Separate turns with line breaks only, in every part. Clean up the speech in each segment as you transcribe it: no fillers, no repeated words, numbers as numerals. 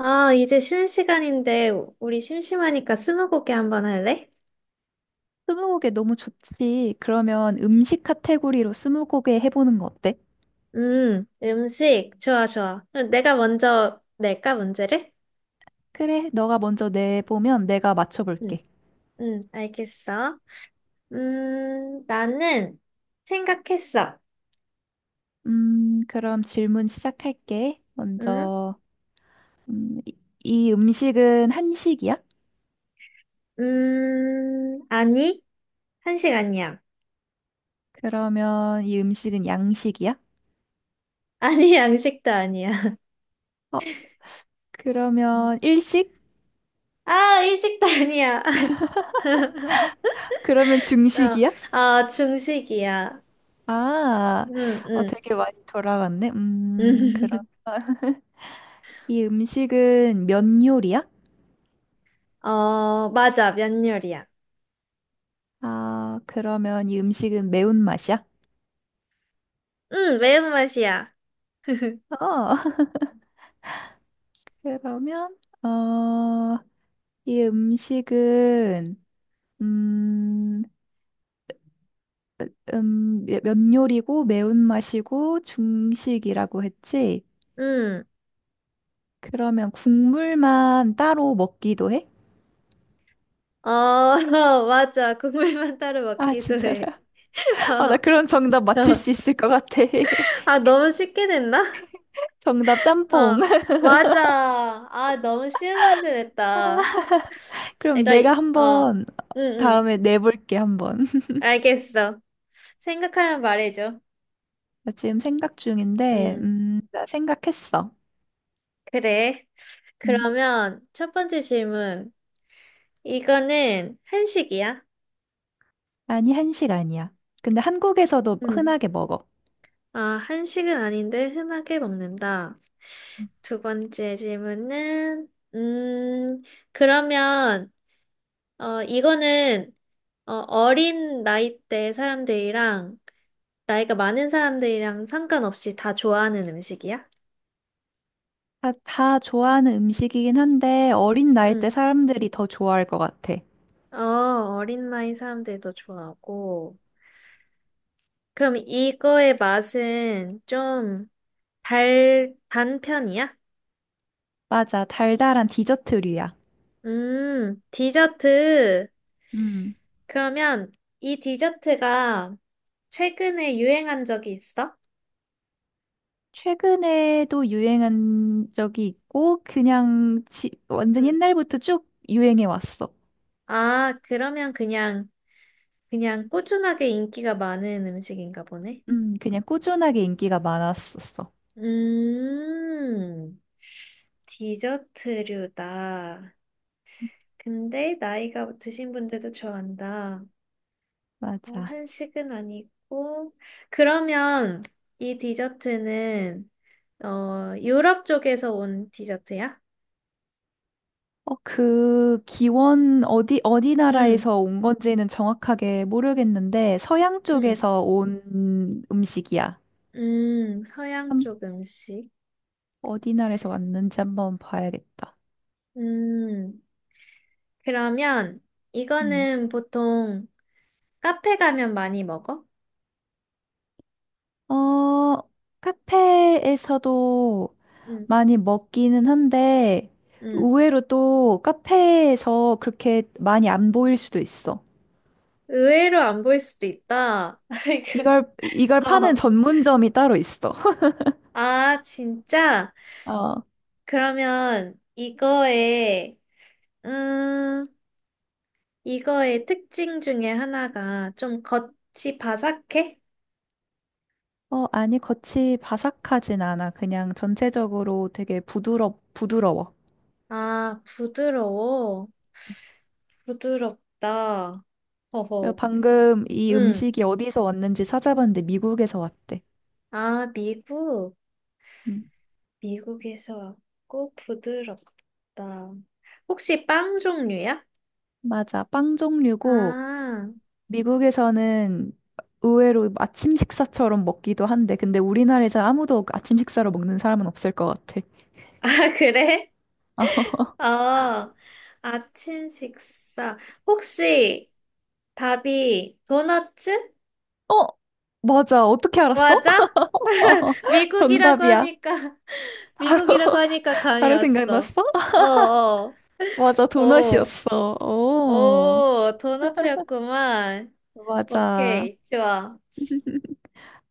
아, 이제 쉬는 시간인데 우리 심심하니까 스무고개 한번 할래?
스무고개 너무 좋지. 그러면 음식 카테고리로 스무고개 해보는 거 어때?
음식. 좋아, 좋아. 그럼 내가 먼저 낼까, 문제를?
그래, 너가 먼저 내보면 내가
응.
맞춰볼게.
응, 알겠어. 나는 생각했어.
그럼 질문 시작할게.
음,
먼저, 음, 이, 이 음식은 한식이야?
아니, 한식 아니야.
그러면 이 음식은 양식이야?
아니, 양식도 아니야.
어, 그러면 일식?
아, 일식도 아니야.
그러면
어,
중식이야?
아, 중식이야.
아,
응,
어,
응.
되게 많이 돌아갔네. 그럼 이 음식은 면 요리야?
어, 맞아, 면요리야.
아, 그러면 이 음식은 매운맛이야? 어.
응, 매운맛이야.
그러면 어, 이 음식은 음, 면 요리고 매운맛이고 중식이라고 했지?
응.
그러면 국물만 따로 먹기도 해?
어, 맞아. 국물만 따로
아,
먹기도
진짜로?
해.
아, 나
어,
그런 정답 맞출 수
어.
있을 것 같아.
아, 너무 쉽게 냈나?
정답 짬뽕.
어, 맞아. 아, 너무 쉬운 문제 냈다.
그럼
내가,
내가
이- 어,
한번
응, 응.
다음에 내볼게, 한번.
알겠어. 생각하면 말해줘.
나 지금 생각 중인데,
응,
나 생각했어.
그래.
음,
그러면 첫 번째 질문. 이거는 한식이야?
아니, 한식 아니야. 근데 한국에서도
응.
흔하게 먹어.
아, 한식은 아닌데 흔하게 먹는다. 두 번째 질문은, 음, 그러면, 어, 이거는, 어, 어린 나이 때 사람들이랑, 나이가 많은 사람들이랑 상관없이 다 좋아하는 음식이야?
다 좋아하는 음식이긴 한데 어린 나이 때
응.
사람들이 더 좋아할 것 같아.
어, 어린 나이 사람들도 좋아하고. 그럼 이거의 맛은 좀 단 편이야?
맞아, 달달한 디저트류야.
디저트.
음.
그러면 이 디저트가 최근에 유행한 적이 있어?
최근에도 유행한 적이 있고 완전
응.
옛날부터 쭉 유행해 왔어.
아, 그러면 그냥 꾸준하게 인기가 많은 음식인가 보네.
그냥 꾸준하게 인기가 많았었어.
음, 디저트류다. 근데 나이가 드신 분들도 좋아한다. 어,
맞아.
한식은 아니고. 그러면 이 디저트는, 어, 유럽 쪽에서 온 디저트야?
어, 그 기원 어디 어디
응,
나라에서 온 건지는 정확하게 모르겠는데 서양
응.
쪽에서 온 음식이야.
서양
한-
쪽 음식.
어디 나라에서 왔는지 한번 봐야겠다.
음, 그러면
음.
이거는 보통 카페 가면 많이 먹어?
어, 카페에서도
음,
많이 먹기는 한데,
음.
의외로 또 카페에서 그렇게 많이 안 보일 수도 있어.
의외로 안 보일 수도 있다. 아이고.
이걸 파는
어.
전문점이 따로 있어.
아, 진짜?
어,
그러면 음, 이거의 특징 중에 하나가 좀 겉이 바삭해?
어, 아니, 겉이 바삭하진 않아. 그냥 전체적으로 되게 부드러워.
아, 부드러워. 부드럽다.
그리고
허허.
방금 이
응.
음식이 어디서 왔는지 찾아봤는데 미국에서 왔대.
아, 미국.
음,
미국에서 왔고 부드럽다. 혹시 빵 종류야?
맞아. 빵 종류고,
아,
미국에서는 의외로 아침 식사처럼 먹기도 한데, 근데 우리나라에서 아무도 아침 식사로 먹는 사람은 없을 것 같아.
아, 그래? 어, 아침 식사. 혹시 답이 도너츠?
어, 맞아. 어떻게 알았어?
맞아?
어,
미국이라고
정답이야.
하니까,
바로,
미국이라고 하니까 감이
바로
왔어.
생각났어?
어, 어,
맞아.
어,
도넛이었어. 오,
어, 도너츠였구만.
맞아.
오케이, 좋아.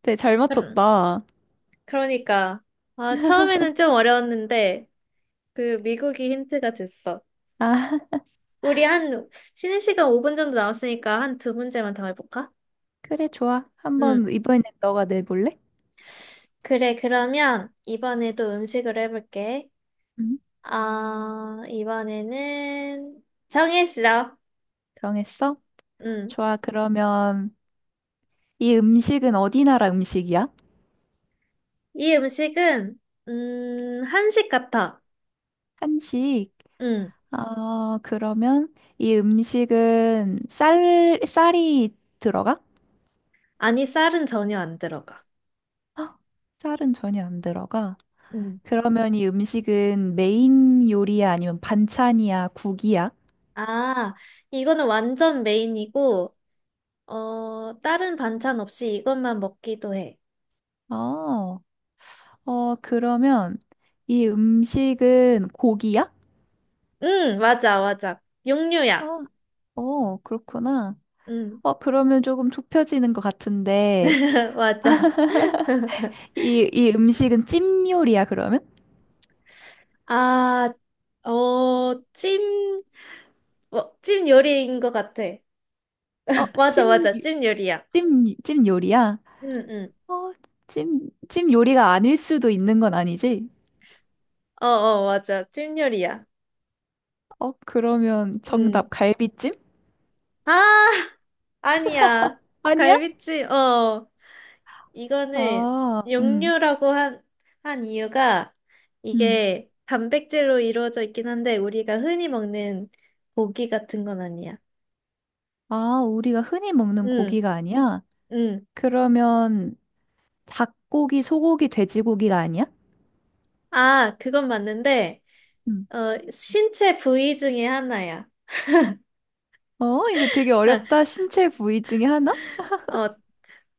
되게 잘
그러,
맞췄다.
그러니까. 아, 처음에는 좀 어려웠는데, 그 미국이 힌트가 됐어.
아,
우리 한 쉬는 시간 5분 정도 남았으니까 한 두 문제만 더 해볼까?
그래, 좋아. 한번
응.
이번엔 너가 내볼래?
그래, 그러면 이번에도 음식으로 해볼게.
응,
아, 이번에는 정했어.
정했어?
응.
좋아. 그러면 이 음식은 어디 나라 음식이야?
이 음식은 한식 같아.
한식.
응.
아, 그러면 이 음식은 쌀이 들어가?
아니, 쌀은 전혀 안 들어가.
헉, 쌀은 전혀 안 들어가.
응.
그러면 이 음식은 메인 요리야 아니면 반찬이야, 국이야?
아, 이거는 완전 메인이고 어, 다른 반찬 없이 이것만 먹기도 해.
어, 어, 그러면 이 음식은 고기야?
응, 맞아, 맞아. 육류야.
아, 어, 그렇구나.
응,
어, 그러면 조금 좁혀지는 것 같은데,
맞아.
이 음식은 찜 요리야, 그러면?
아, 어, 찜, 어, 찜 요리인 것 같아.
어,
맞아,
찜,
맞아. 찜 요리야.
찜 요리야?
응, 응.
어, 찜 요리가 아닐 수도 있는 건 아니지?
어, 어, 맞아. 찜 요리야.
어, 그러면
응.
정답 갈비찜?
아, 아니야.
아니야?
갈비찜, 어. 이거는
아,
육류라고 한 이유가
음.
이게 단백질로 이루어져 있긴 한데 우리가 흔히 먹는 고기 같은 건 아니야.
아, 우리가 흔히 먹는
응,
고기가 아니야?
응.
그러면 닭고기, 소고기, 돼지고기가 아니야?
아, 그건 맞는데
음.
어, 신체 부위 중에 하나야.
어, 이거 되게
어,
어렵다. 신체 부위 중에 하나?
어,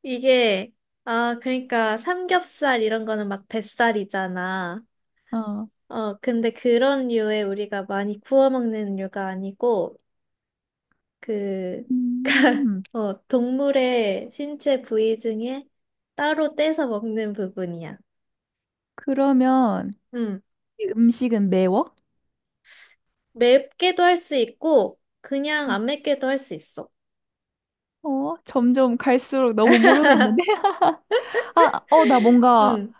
이게, 아, 그러니까 삼겹살 이런 거는 막 뱃살이잖아.
어.
어, 근데 그런 류에 우리가 많이 구워 먹는 류가 아니고, 그,
음,
어, 동물의 신체 부위 중에 따로 떼서 먹는 부분이야.
그러면
음,
이 음식은 매워?
맵게도 할 수 있고, 그냥
음.
안 맵게도 할 수 있어.
어, 점점 갈수록 너무 모르겠는데? 아, 어, 나 뭔가
음,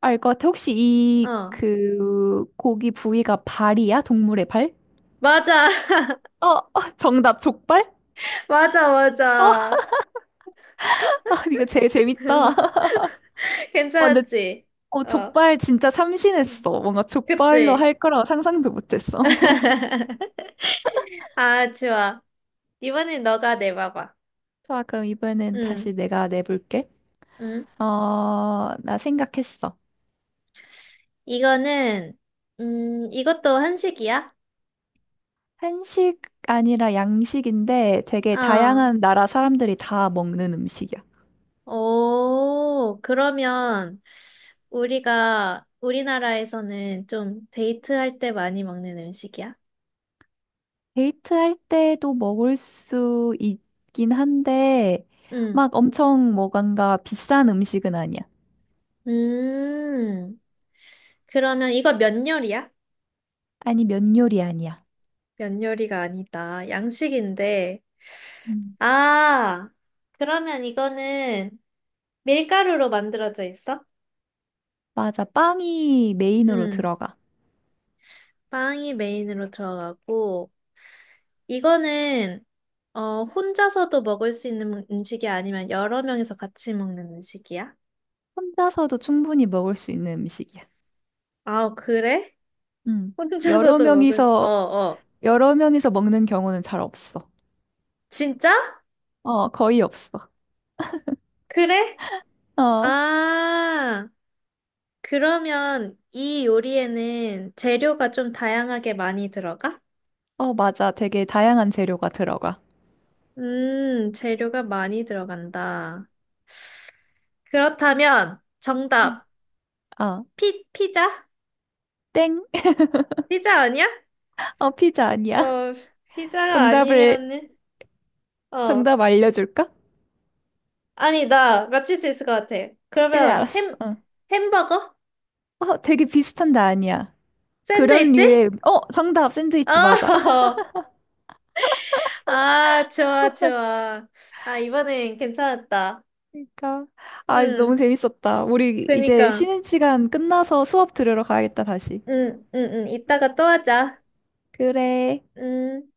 알 것 같아. 혹시 이
어,
그 고기 부위가 발이야? 동물의 발?
맞아.
어, 어, 정답 족발?
맞아,
어,
맞아.
아, 이거 제일 재밌다. 어, 근데
괜찮았지?
어,
어,
족발 진짜 참신했어. 뭔가 족발로
그치?
할 거라고 상상도 못했어.
아, 좋아. 이번엔 너가 내봐봐.
좋아, 그럼 이번엔
응,
다시 내가 내볼게.
응.
어, 나 생각했어.
이거는, 이것도 한식이야?
한식 아니라 양식인데 되게
어,
다양한 나라 사람들이 다 먹는 음식이야.
오, 그러면 우리가 우리나라에서는 좀 데이트할 때 많이 먹는 음식이야?
데이트할 때도 먹을 수 있긴 한데,
응,
막 엄청 뭐간가 비싼 음식은 아니야.
음, 그러면 이거 면 요리야?
아니, 면 요리 아니야.
면 요리가 아니다. 양식인데,
음.
아, 그러면 이거는 밀가루로 만들어져 있어?
맞아, 빵이 메인으로
응,
들어가.
빵이 메인으로 들어가고, 이거는, 어, 혼자서도 먹을 수 있는 음식이 아니면 여러 명이서 같이 먹는 음식이야?
혼자서도 충분히 먹을 수 있는 음식이야.
아, 그래?
음. 여러
어,
명이서,
어.
여러 명이서 먹는 경우는 잘 없어.
진짜?
어, 거의 없어.
그래?
어,
아, 그러면 이 요리에는 재료가 좀 다양하게 많이 들어가?
어, 맞아. 되게 다양한 재료가 들어가.
재료가 많이 들어간다. 그렇다면
음.
정답
어,
피 피자?
땡.
피자 아니야?
어, 피자 아니야.
어, 피자가
정답을,
아니면은, 어,
정답 알려줄까?
아니, 나 맞출 수 있을 것 같아.
그래,
그러면
알았어.
햄,
어.
햄버거?
어, 되게 비슷한데 아니야.
샌드위치?
어, 정답, 샌드위치 맞아.
어, 아, 좋아, 좋아. 아, 이번엔 괜찮았다.
그러니까, 아, 너무
음,
재밌었다. 우리 이제
그니까.
쉬는 시간 끝나서 수업 들으러 가야겠다, 다시.
이따가 또 하자.
그래.
음.